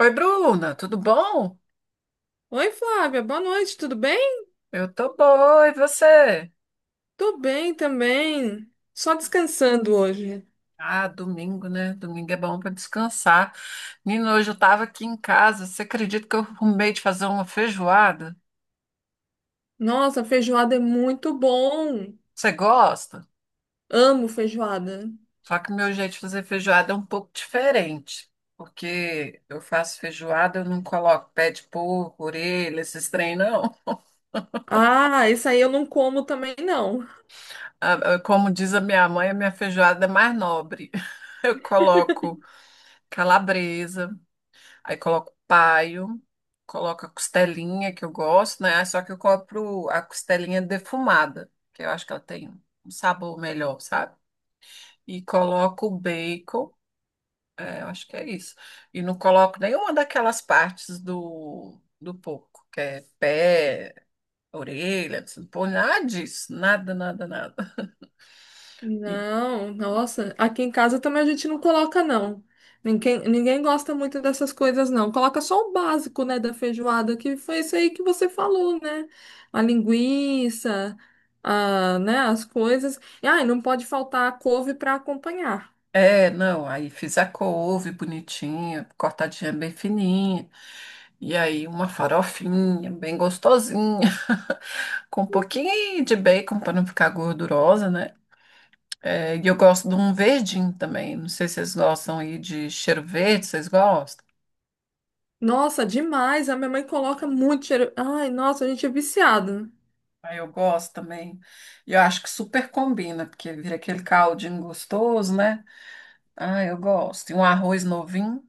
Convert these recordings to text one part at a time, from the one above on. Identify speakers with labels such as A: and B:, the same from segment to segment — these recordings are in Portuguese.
A: Oi, Bruna, tudo bom?
B: Oi, Flávia, boa noite, tudo bem?
A: Eu tô boa, e você?
B: Tô bem também. Só descansando hoje.
A: Ah, domingo, né? Domingo é bom para descansar. Menino, hoje eu tava aqui em casa. Você acredita que eu arrumei de fazer uma feijoada?
B: Nossa, feijoada é muito bom.
A: Você gosta?
B: Amo feijoada.
A: Só que o meu jeito de fazer feijoada é um pouco diferente, porque eu faço feijoada, eu não coloco pé de porco, orelha, esses trem, não.
B: Ah, isso aí eu não como também não.
A: Como diz a minha mãe, a minha feijoada é mais nobre. Eu coloco calabresa. Aí coloco paio, coloco a costelinha que eu gosto, né? Só que eu compro a costelinha defumada, que eu acho que ela tem um sabor melhor, sabe? E coloco o bacon, é, eu acho que é isso. E não coloco nenhuma daquelas partes do porco, que é pé, orelha, não põe nada disso, nada, nada, nada. E-
B: Não, nossa, aqui em casa também a gente não coloca não. Ninguém gosta muito dessas coisas não. Coloca só o básico, né, da feijoada, que foi isso aí que você falou, né? A linguiça, a, né, as coisas. E, e não pode faltar a couve para acompanhar.
A: É, não, aí fiz a couve bonitinha, cortadinha bem fininha. E aí uma farofinha bem gostosinha, com um pouquinho de bacon para não ficar gordurosa, né? É, e eu gosto de um verdinho também. Não sei se vocês gostam aí de cheiro verde, vocês gostam?
B: Nossa, demais. A minha mãe coloca muito cheiro. Ai, nossa, a gente é viciado.
A: Aí eu gosto também. E eu acho que super combina, porque vira aquele caldinho gostoso, né? Ah, eu gosto. E um arroz novinho.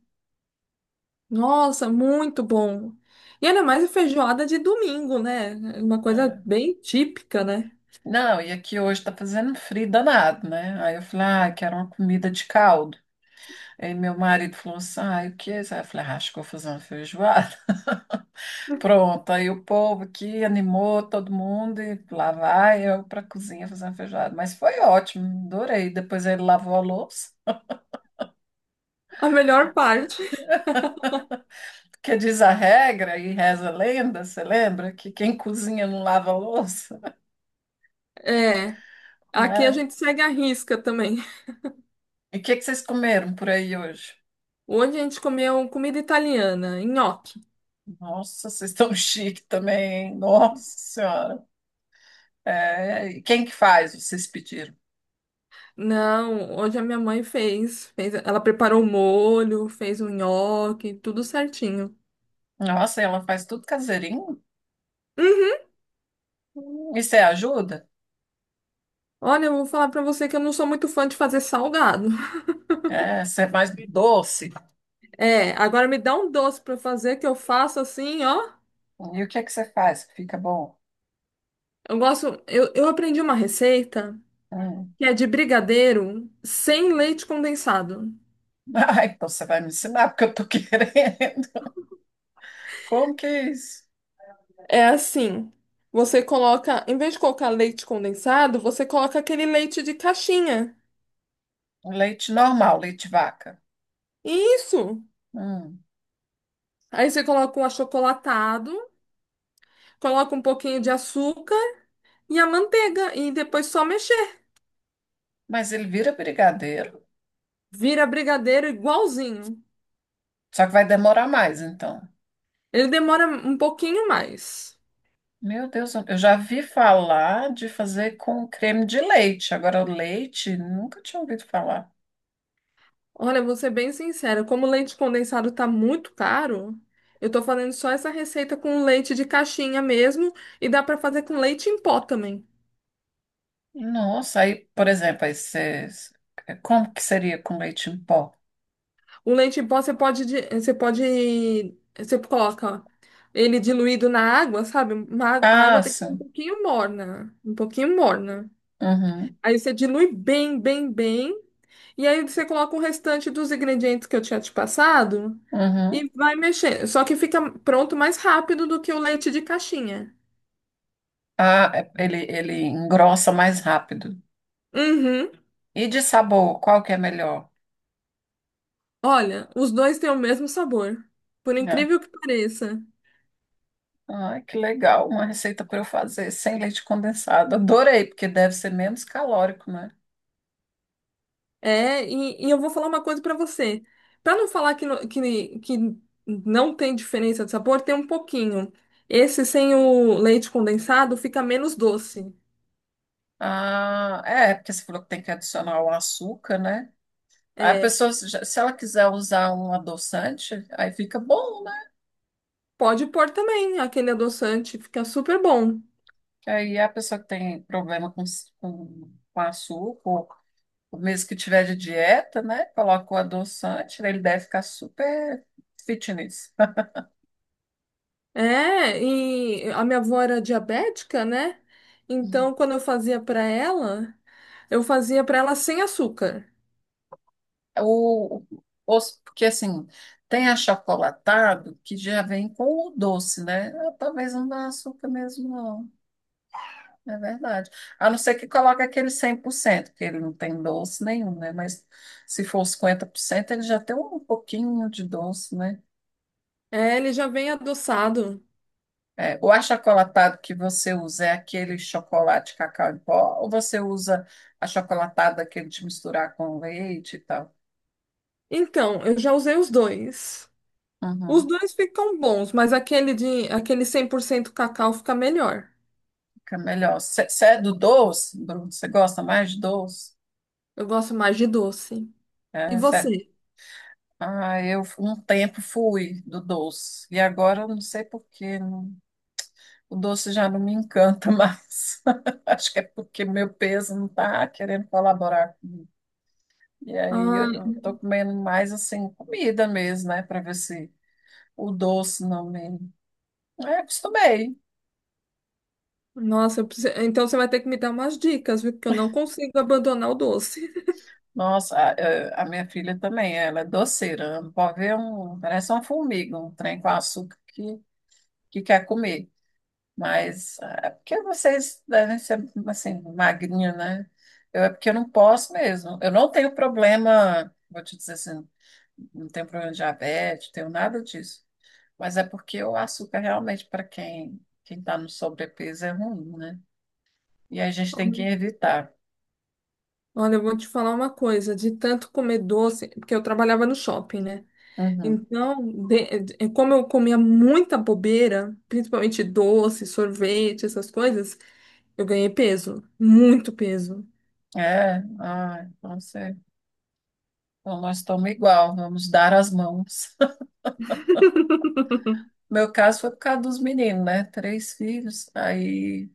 B: Nossa, muito bom. E ainda mais a feijoada de domingo, né? É uma coisa bem típica, né?
A: Não, e aqui hoje tá fazendo frio danado, né? Aí eu falei, ah, quero uma comida de caldo. Aí meu marido falou assim, ah, e o que? É, aí eu falei, ah, acho que vou fazer uma feijoada. Pronto, aí o povo aqui animou todo mundo e lá vai eu pra cozinha fazer uma feijoada. Mas foi ótimo, adorei. Depois ele lavou a louça,
B: A melhor parte.
A: porque diz a regra e reza a lenda, você lembra? Que quem cozinha não lava a louça,
B: É, aqui a
A: né?
B: gente segue a risca também.
A: E o que que vocês comeram por aí hoje?
B: Hoje a gente comeu comida italiana, nhoque.
A: Nossa, vocês estão chique também, hein? Nossa Senhora. É, e quem que faz? Vocês pediram.
B: Não, hoje a minha mãe fez, ela preparou o molho, fez o nhoque, tudo certinho.
A: Nossa, ela faz tudo caseirinho?
B: Uhum.
A: E você ajuda?
B: Olha, eu vou falar pra você que eu não sou muito fã de fazer salgado.
A: É, você é mais doce?
B: É, agora me dá um doce pra eu fazer que eu faço assim, ó.
A: E o que é que você faz que fica bom?
B: Eu aprendi uma receita
A: Hum.
B: que é de brigadeiro sem leite condensado.
A: Ah, então você vai me ensinar, porque eu tô querendo. Como que é isso?
B: É assim, você coloca, em vez de colocar leite condensado, você coloca aquele leite de caixinha.
A: Leite normal, leite de vaca.
B: Isso.
A: Hum.
B: Aí você coloca um achocolatado, coloca um pouquinho de açúcar e a manteiga e depois só mexer.
A: Mas ele vira brigadeiro.
B: Vira brigadeiro igualzinho.
A: Só que vai demorar mais, então.
B: Ele demora um pouquinho mais.
A: Meu Deus, eu já vi falar de fazer com creme de leite. Agora, leite, nunca tinha ouvido falar.
B: Olha, vou ser bem sincera, como o leite condensado tá muito caro, eu tô fazendo só essa receita com leite de caixinha mesmo e dá para fazer com leite em pó também.
A: Nossa, aí, por exemplo, como que seria com leite em pó?
B: O leite em pó você pode, você pode, você coloca ele diluído na água, sabe? A
A: Ah,
B: água tem que ser um
A: sim.
B: pouquinho morna, um pouquinho morna.
A: Uhum,
B: Aí você dilui bem, bem, bem. E aí você coloca o restante dos ingredientes que eu tinha te passado e
A: uhum.
B: vai mexendo. Só que fica pronto mais rápido do que o leite de caixinha.
A: Ah, é- ele engrossa mais rápido.
B: Uhum.
A: E de sabor, qual que é melhor?
B: Olha, os dois têm o mesmo sabor. Por
A: Né?
B: incrível que pareça.
A: Ai, que legal, uma receita para eu fazer sem leite condensado. Adorei, porque deve ser menos calórico, né?
B: É, e eu vou falar uma coisa pra você. Pra não falar que, que não tem diferença de sabor, tem um pouquinho. Esse sem o leite condensado fica menos doce.
A: Ah, é, porque você falou que tem que adicionar o açúcar, né? Aí a
B: É,
A: pessoa, se ela quiser usar um adoçante, aí fica bom.
B: pode pôr também aquele adoçante, fica super bom.
A: Aí a pessoa que tem problema com açúcar, ou mesmo que tiver de dieta, né? Coloca o adoçante, ele deve ficar super fitness.
B: É, e a minha avó era diabética, né?
A: Hum.
B: Então, quando eu fazia pra ela, eu fazia pra ela sem açúcar.
A: O, porque assim, tem achocolatado que já vem com o doce, né? Ah, talvez não dá açúcar mesmo, não. É verdade. A não ser que coloque aquele 100% que ele não tem doce nenhum, né? Mas se for 50% ele já tem um pouquinho de doce, né?
B: É, ele já vem adoçado.
A: É, o achocolatado que você usa é aquele chocolate cacau em pó, ou você usa achocolatado daquele de misturar com leite e tal?
B: Então, eu já usei os dois. Os
A: Uhum,
B: dois ficam bons, mas aquele 100% cacau fica melhor.
A: fica melhor. Você é do doce, Bruno? Você gosta mais de doce?
B: Eu gosto mais de doce. E
A: É, cê- é.
B: você?
A: Ah, eu um tempo fui do doce, e agora eu não sei por quê. O doce já não me encanta mais. Acho que é porque meu peso não está querendo colaborar. E aí
B: Ah,
A: eu estou comendo mais assim, comida mesmo, né? Para ver se. O doce, não lembro. É, acostumei.
B: nossa, então você vai ter que me dar umas dicas, viu? Porque eu não consigo abandonar o doce.
A: Nossa, a minha filha também, ela é doceira. Não pode ver um, parece uma formiga, um trem com açúcar que quer comer. Mas ah, é porque vocês devem ser assim, magrinho, né? Eu, é porque eu não posso mesmo. Eu não tenho problema, vou te dizer assim, não tenho problema de diabetes, tenho nada disso. Mas é porque o açúcar realmente, para quem está no sobrepeso, é ruim, né? E a gente tem que evitar.
B: Olha, eu vou te falar uma coisa, de tanto comer doce, porque eu trabalhava no shopping, né?
A: Uhum.
B: Então, como eu comia muita bobeira, principalmente doce, sorvete, essas coisas, eu ganhei peso, muito peso.
A: É, ah, então, você, então nós estamos igual, vamos dar as mãos. Meu caso foi por causa dos meninos, né? Três filhos, aí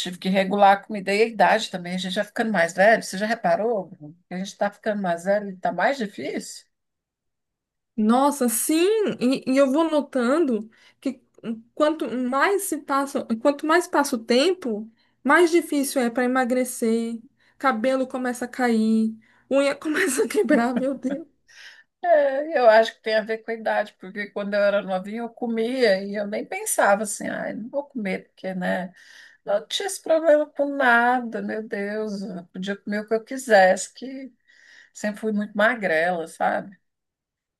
A: tive que regular a comida e a idade também. A gente já ficando mais velho, você já reparou? Bruno, que a gente está ficando mais velho e está mais difícil?
B: Nossa, sim, e eu vou notando que quanto mais se passa, quanto mais passa o tempo, mais difícil é para emagrecer, cabelo começa a cair, unha começa a quebrar, meu Deus.
A: É, eu acho que tem a ver com a idade, porque quando eu era novinha eu comia e eu nem pensava assim, ai, não vou comer, porque, né? Não tinha esse problema com nada, meu Deus, eu podia comer o que eu quisesse, que sempre fui muito magrela, sabe?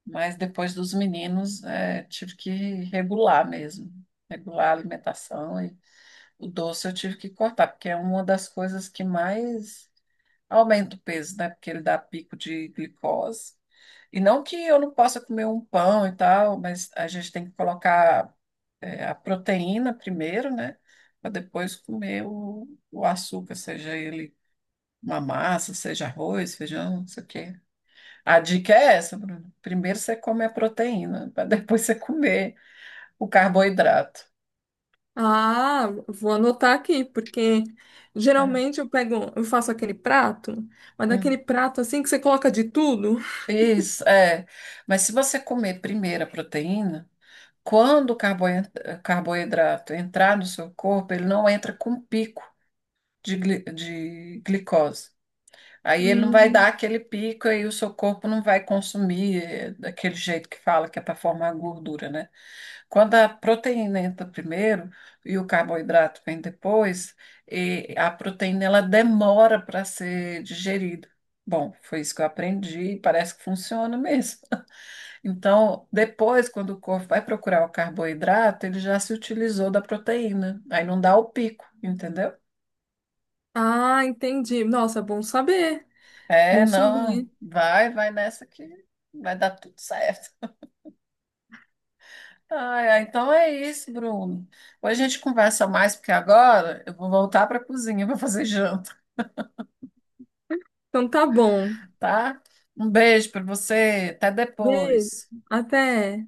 A: Mas depois dos meninos, é, tive que regular mesmo, regular a alimentação e o doce eu tive que cortar, porque é uma das coisas que mais aumenta o peso, né? Porque ele dá pico de glicose. E não que eu não possa comer um pão e tal, mas a gente tem que colocar, é, a proteína primeiro, né? Para depois comer o açúcar, seja ele uma massa, seja arroz, feijão, não sei o quê. A dica é essa, Bruno. Primeiro você come a proteína, para depois você comer o carboidrato.
B: Ah, vou anotar aqui, porque
A: É.
B: geralmente eu pego, eu faço aquele prato, mas
A: Hum.
B: daquele prato assim que você coloca de tudo.
A: Isso, é. Mas se você comer primeiro a proteína, quando o carboidrato entrar no seu corpo, ele não entra com pico de, de glicose. Aí ele não vai dar
B: Hum.
A: aquele pico e o seu corpo não vai consumir é, daquele jeito que fala que é para formar gordura, né? Quando a proteína entra primeiro e o carboidrato vem depois, e a proteína ela demora para ser digerida. Bom, foi isso que eu aprendi e parece que funciona mesmo. Então, depois, quando o corpo vai procurar o carboidrato, ele já se utilizou da proteína. Aí não dá o pico, entendeu?
B: Ah, entendi. Nossa, bom saber,
A: É,
B: bom
A: não,
B: saber.
A: vai, vai nessa que vai dar tudo certo. Ai, ai, então é isso, Bruno. Hoje a gente conversa mais, porque agora eu vou voltar para a cozinha para fazer janta.
B: Então tá bom.
A: Tá? Um beijo para você, até
B: Beijo,
A: depois.
B: até.